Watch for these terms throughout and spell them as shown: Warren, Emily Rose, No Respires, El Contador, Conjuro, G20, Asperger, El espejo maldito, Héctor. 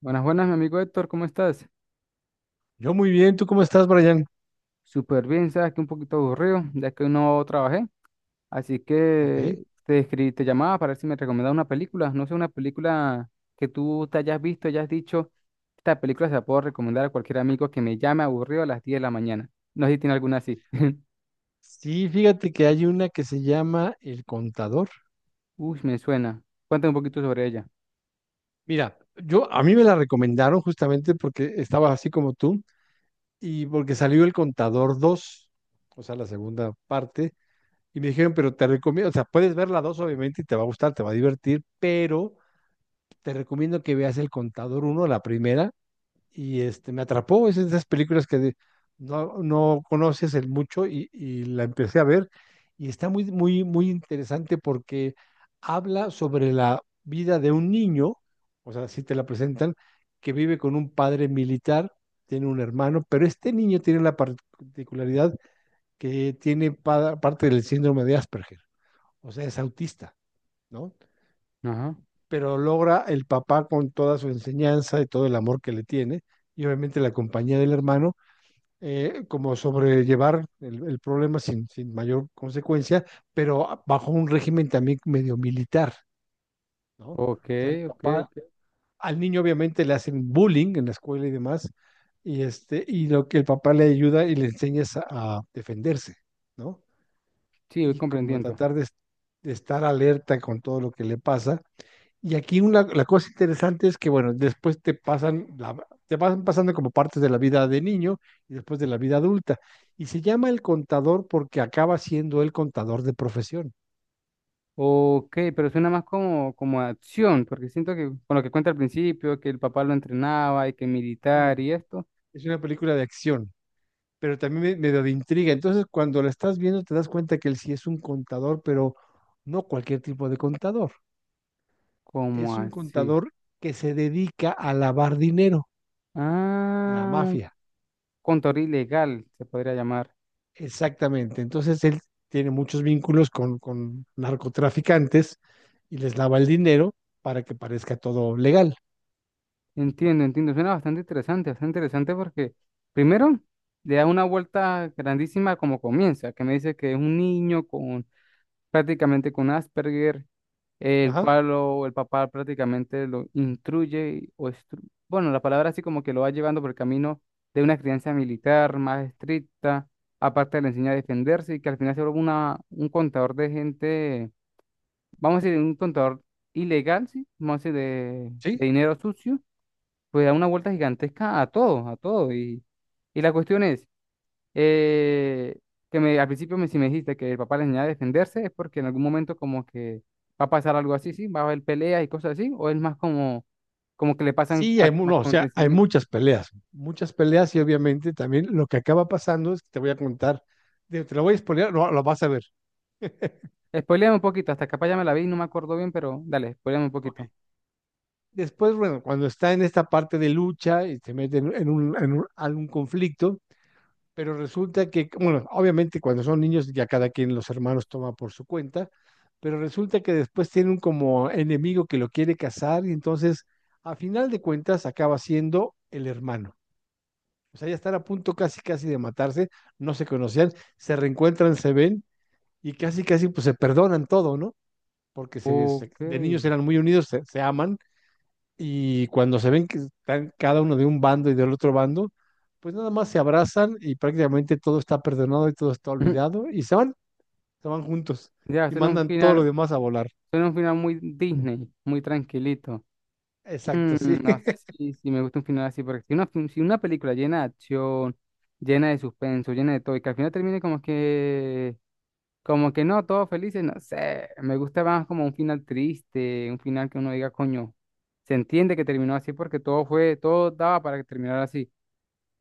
Buenas, buenas, mi amigo Héctor, ¿cómo estás? Yo muy bien, ¿tú cómo estás, Brian? Súper bien, sabes que un poquito aburrido, ya que hoy no trabajé, así Ok. que te escribí, te llamaba para ver si me recomendaba una película, no sé, una película que tú te hayas visto, hayas dicho, esta película se la puedo recomendar a cualquier amigo que me llame aburrido a las 10 de la mañana. No sé si tiene alguna así. Sí, fíjate que hay una que se llama El Contador. Uy, me suena. Cuéntame un poquito sobre ella. Mira, yo a mí me la recomendaron justamente porque estaba así como tú y porque salió El Contador 2, o sea, la segunda parte, y me dijeron, pero te recomiendo, o sea, puedes ver la 2 obviamente y te va a gustar, te va a divertir, pero te recomiendo que veas El Contador 1, la primera, y este, me atrapó. Es de esas películas que no, no conoces el mucho y la empecé a ver y está muy, muy, muy interesante porque habla sobre la vida de un niño, o sea, si te la presentan, que vive con un padre militar, tiene un hermano, pero este niño tiene la particularidad que tiene parte del síndrome de Asperger, o sea, es autista, ¿no? Ajá. Pero logra el papá con toda su enseñanza y todo el amor que le tiene, y obviamente la compañía del hermano, como sobrellevar el problema sin mayor consecuencia, pero bajo un régimen también medio militar, ¿no? O Ok, sea, el ok, papá, ok. al niño obviamente le hacen bullying en la escuela y demás, y este, y lo que el papá le ayuda y le enseña es a defenderse, ¿no? Sí, voy Y como comprendiendo. tratar de estar alerta con todo lo que le pasa y aquí una, la cosa interesante es que, bueno, después te pasan, te pasan pasando como partes de la vida de niño y después de la vida adulta. Y se llama El Contador porque acaba siendo el contador de profesión. Ok, pero suena más como acción, porque siento que con lo que cuenta al principio, que el papá lo entrenaba y que Sí. militar y esto, Es una película de acción, pero también medio de intriga. Entonces, cuando la estás viendo, te das cuenta que él sí es un contador, pero no cualquier tipo de contador. ¿como Es un así? contador que se dedica a lavar dinero de la Ah, un mafia. contador ilegal se podría llamar. Exactamente. Entonces él tiene muchos vínculos con narcotraficantes y les lava el dinero para que parezca todo legal. Entiendo, entiendo. Suena bastante interesante porque primero le da una vuelta grandísima como comienza, que me dice que es un niño con prácticamente con Asperger el Ajá. cual el papá prácticamente lo instruye, bueno, la palabra así como que lo va llevando por el camino de una crianza militar más estricta, aparte le enseña a defenderse y que al final se vuelve un contador de gente, vamos a decir, un contador ilegal, sí, vamos a decir, de, Sí. de dinero sucio, pues da una vuelta gigantesca a todo, a todo. Y la cuestión es eh, que al principio si me dijiste que el papá le enseñaba a defenderse, es porque en algún momento como que va a pasar algo así, ¿sí? Va a haber peleas y cosas así, o es más como que le pasan Sí, hay, no, o sea, hay acontecimientos. Muchas peleas y obviamente también lo que acaba pasando es que te voy a contar, digo, te lo voy a spoilear, no, lo vas a ver. Spoiléame un poquito, hasta capaz ya me la vi y no me acuerdo bien, pero dale, spoiléame un Ok. poquito. Después, bueno, cuando está en esta parte de lucha y se mete en algún conflicto. Pero resulta que, bueno, obviamente cuando son niños ya cada quien los hermanos toma por su cuenta, pero resulta que después tienen como enemigo que lo quiere casar y entonces a final de cuentas acaba siendo el hermano. O sea, ya están a punto casi casi de matarse, no se conocían, se reencuentran, se ven y casi casi pues se perdonan todo, ¿no? Porque Ok. de niños eran muy unidos, se aman y cuando se ven que están cada uno de un bando y del otro bando, pues nada más se abrazan y prácticamente todo está perdonado y todo está olvidado y se van juntos Ya, y suena un mandan todo lo final, demás a volar. suena un final muy Disney, muy tranquilito. Exacto, sí. No sé si me gusta un final así, porque si una película llena de acción, llena de suspenso, llena de todo, y que al final termine como que no, todos felices, no sé. Me gusta más como un final triste, un final que uno diga, coño, se entiende que terminó así porque todo fue, todo daba para que terminara así.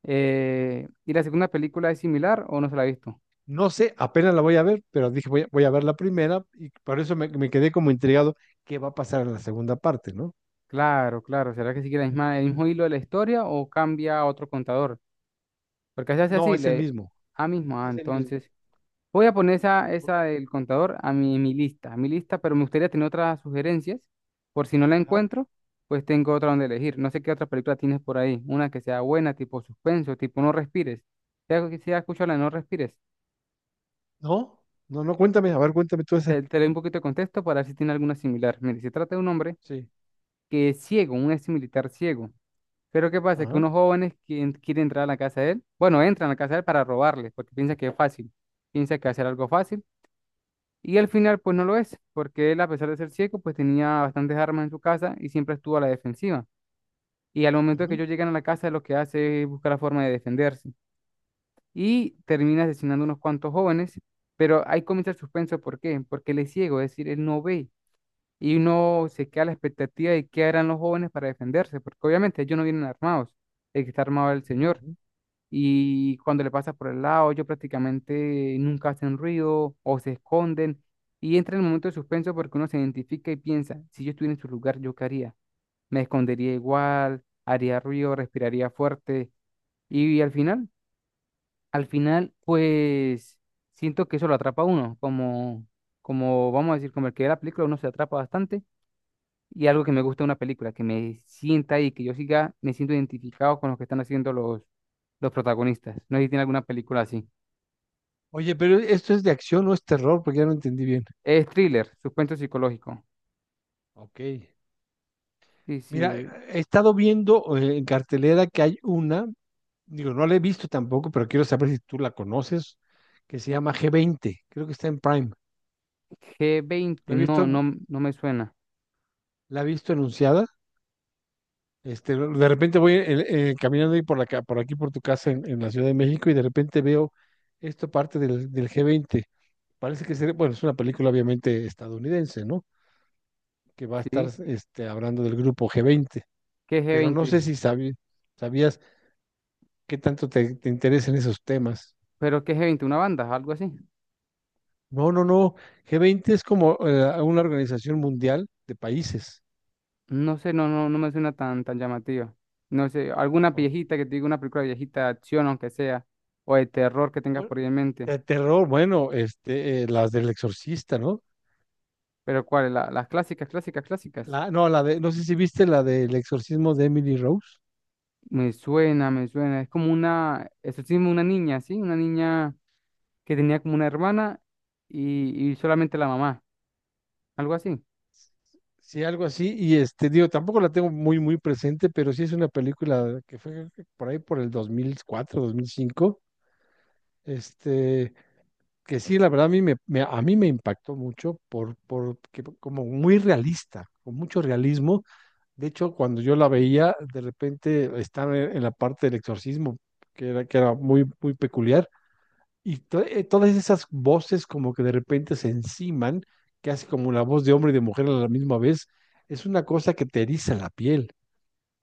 ¿Y la segunda película es similar o no se la ha visto? No sé, apenas la voy a ver, pero dije voy a ver la primera y por eso me quedé como intrigado qué va a pasar en la segunda parte, ¿no? Claro, claro. ¿Será que sigue la misma, el mismo hilo de la historia o cambia a otro contador? Porque se hace No, así, es el le... mismo, Ah, mismo, ah, es el mismo. entonces. Voy a poner esa, Por- esa del contador a mi lista, a mi lista, pero me gustaría tener otras sugerencias. Por si no la Ajá. encuentro, pues tengo otra donde elegir. No sé qué otra película tienes por ahí. Una que sea buena, tipo suspenso, tipo No Respires. Si has escuchado la de No Respires, No, no, no, cuéntame, a ver, cuéntame tú esa. te doy un poquito de contexto para ver si tiene alguna similar. Mire, se trata de un hombre Sí. que es ciego, un ex militar ciego. Pero ¿qué pasa? Que Ajá. unos jóvenes quieren entrar a la casa de él, bueno, entran a la casa de él para robarle, porque piensa que es fácil. Piensa que va a ser algo fácil. Y al final, pues no lo es, porque él, a pesar de ser ciego, pues tenía bastantes armas en su casa y siempre estuvo a la defensiva. Y al momento de que Ujú. ellos llegan a la casa, lo que hace es buscar la forma de defenderse. Y termina asesinando unos cuantos jóvenes, pero ahí comienza el suspenso. ¿Por qué? Porque él es ciego, es decir, él no ve. Y uno se queda a la expectativa de qué harán los jóvenes para defenderse, porque obviamente ellos no vienen armados. El que está armado es el señor y cuando le pasa por el lado, ellos prácticamente nunca hacen ruido o se esconden y entra en el momento de suspenso porque uno se identifica y piensa, si yo estuviera en su lugar, ¿yo qué haría? Me escondería igual, haría ruido, respiraría fuerte y, al final, pues siento que eso lo atrapa a uno, como vamos a decir, como el que ve la película, uno se atrapa bastante. Y algo que me gusta de una película, que me sienta ahí, que yo siga, me siento identificado con lo que están haciendo los protagonistas. No sé si tiene alguna película así. Oye, pero esto es de acción, no es terror, porque ya no entendí bien. Es thriller, suspenso psicológico. Ok. Sí, Mira, sí. he estado viendo en cartelera que hay una, digo, no la he visto tampoco, pero quiero saber si tú la conoces, que se llama G20. Creo que está en Prime. G20 La he no, no, visto, no me suena. la he visto anunciada. Este, de repente voy caminando ahí por la, por aquí por tu casa en la Ciudad de México y de repente veo esto parte del G20. Parece que sería, bueno, es una película obviamente estadounidense, ¿no? Que va a estar ¿Sí? este, hablando del grupo G20. ¿Qué es Pero no G20? sé si sabías qué tanto te interesan esos temas. ¿Pero qué es G20, una banda? ¿Algo así? No, no, no. G20 es como una organización mundial de países. No sé, no, no, no me suena tan, tan llamativa. No sé, alguna Ok. viejita que te diga una película viejita de acción, aunque sea, o de terror que tengas Bueno, por ahí en mente. de terror, bueno, este, las del exorcista, ¿no? Pero ¿cuál? Las clásicas, clásicas, clásicas. La, no, la de, no sé si viste la del exorcismo de Emily Rose. Me suena, me suena. Es como una, eso ¿sí? Una niña que tenía como una hermana y solamente la mamá. Algo así. Sí, algo así. Y este, digo, tampoco la tengo muy, muy presente, pero sí es una película que fue por ahí por el 2004, 2005. Este, que sí, la verdad a mí a mí me impactó mucho como muy realista, con mucho realismo. De hecho, cuando yo la veía, de repente estaba en la parte del exorcismo, que era muy, muy peculiar, y todas esas voces como que de repente se enciman, que hace como la voz de hombre y de mujer a la misma vez, es una cosa que te eriza la piel,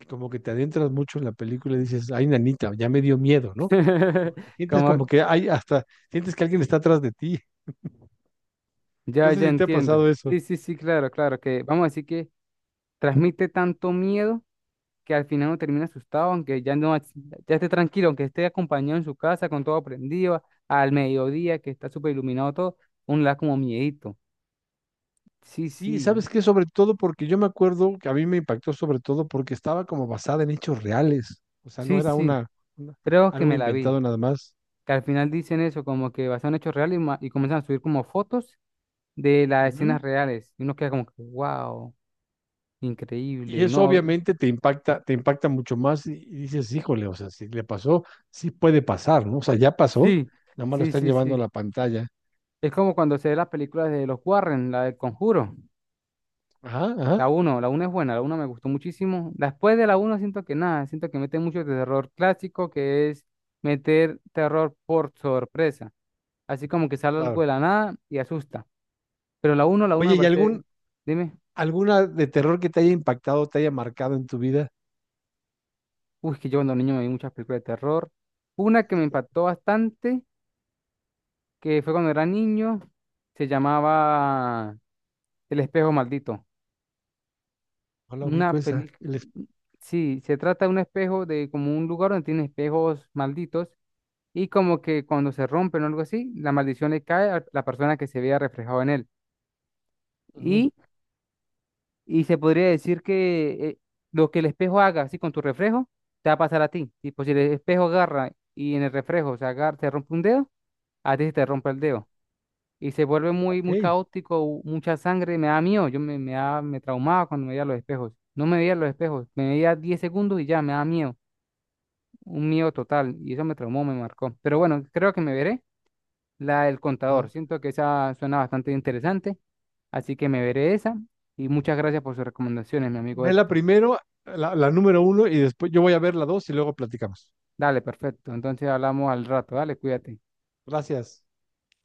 como que te adentras mucho en la película y dices, ay, nanita, ya me dio miedo, ¿no? Porque sientes Como como que hay hasta, sientes que alguien está atrás de ti. ya, No sé ya si te ha entiendo. pasado eso. Sí, sí, sí, claro, claro, que vamos a decir que transmite tanto miedo que al final uno termina asustado, aunque ya no, ya esté tranquilo, aunque esté acompañado en su casa con todo prendido, al mediodía que está súper iluminado todo, uno le da como miedito. Sí, Sí, sí, ¿sabes qué? Sobre todo porque yo me acuerdo que a mí me impactó sobre todo porque estaba como basada en hechos reales. O sea, no sí, era sí, una, una- creo que algo me la vi. inventado nada más. Que al final dicen eso, como que basado en hechos reales y comienzan a subir como fotos de las Ujú. escenas reales. Y uno queda como que, wow, Y increíble. Y eso uno, obviamente te impacta mucho más y dices, híjole, o sea, si le pasó, sí puede pasar, ¿no? O sea, ya pasó, sí. nada más lo Sí, están sí, llevando a sí. la pantalla. Es como cuando se ve las películas de los Warren, la del Conjuro. Ajá, La ajá, uno, la uno es buena, la uno me gustó muchísimo. Después de la uno siento que nada, siento que mete mucho terror clásico, que es meter terror por sorpresa. Así como que sale algo de claro. la nada y asusta. Pero la uno me Oye, ¿y parece, algún, dime, alguna de terror que te haya impactado, te haya marcado en tu vida? uy, que yo cuando niño me vi muchas películas de terror. Una que me impactó bastante, que fue cuando era niño, se llamaba El espejo maldito. No la Una ubico esa. película. Sí, se trata de un espejo, de como un lugar donde tiene espejos malditos y como que cuando se rompen o algo así, la maldición le cae a la persona que se vea reflejado en él. Ujú. Y, y se podría decir que lo que el espejo haga así con tu reflejo, te va a pasar a ti. Tipo, si el espejo agarra y en el reflejo se agarra, se rompe un dedo, a ti se te rompe el dedo. Y se vuelve muy, muy Ok. caótico, mucha sangre, me da miedo. Yo me traumaba cuando me veía los espejos. No me veía los espejos, me veía 10 segundos y ya me da miedo. Un miedo total y eso me traumó, me marcó. Pero bueno, creo que me veré la del contador. Siento que esa suena bastante interesante, así que me veré esa y muchas gracias por sus recomendaciones, mi amigo Ve la Héctor. primero, la número uno, y después yo voy a ver la 2 y luego platicamos. Dale, perfecto. Entonces hablamos al rato, dale, cuídate. Gracias.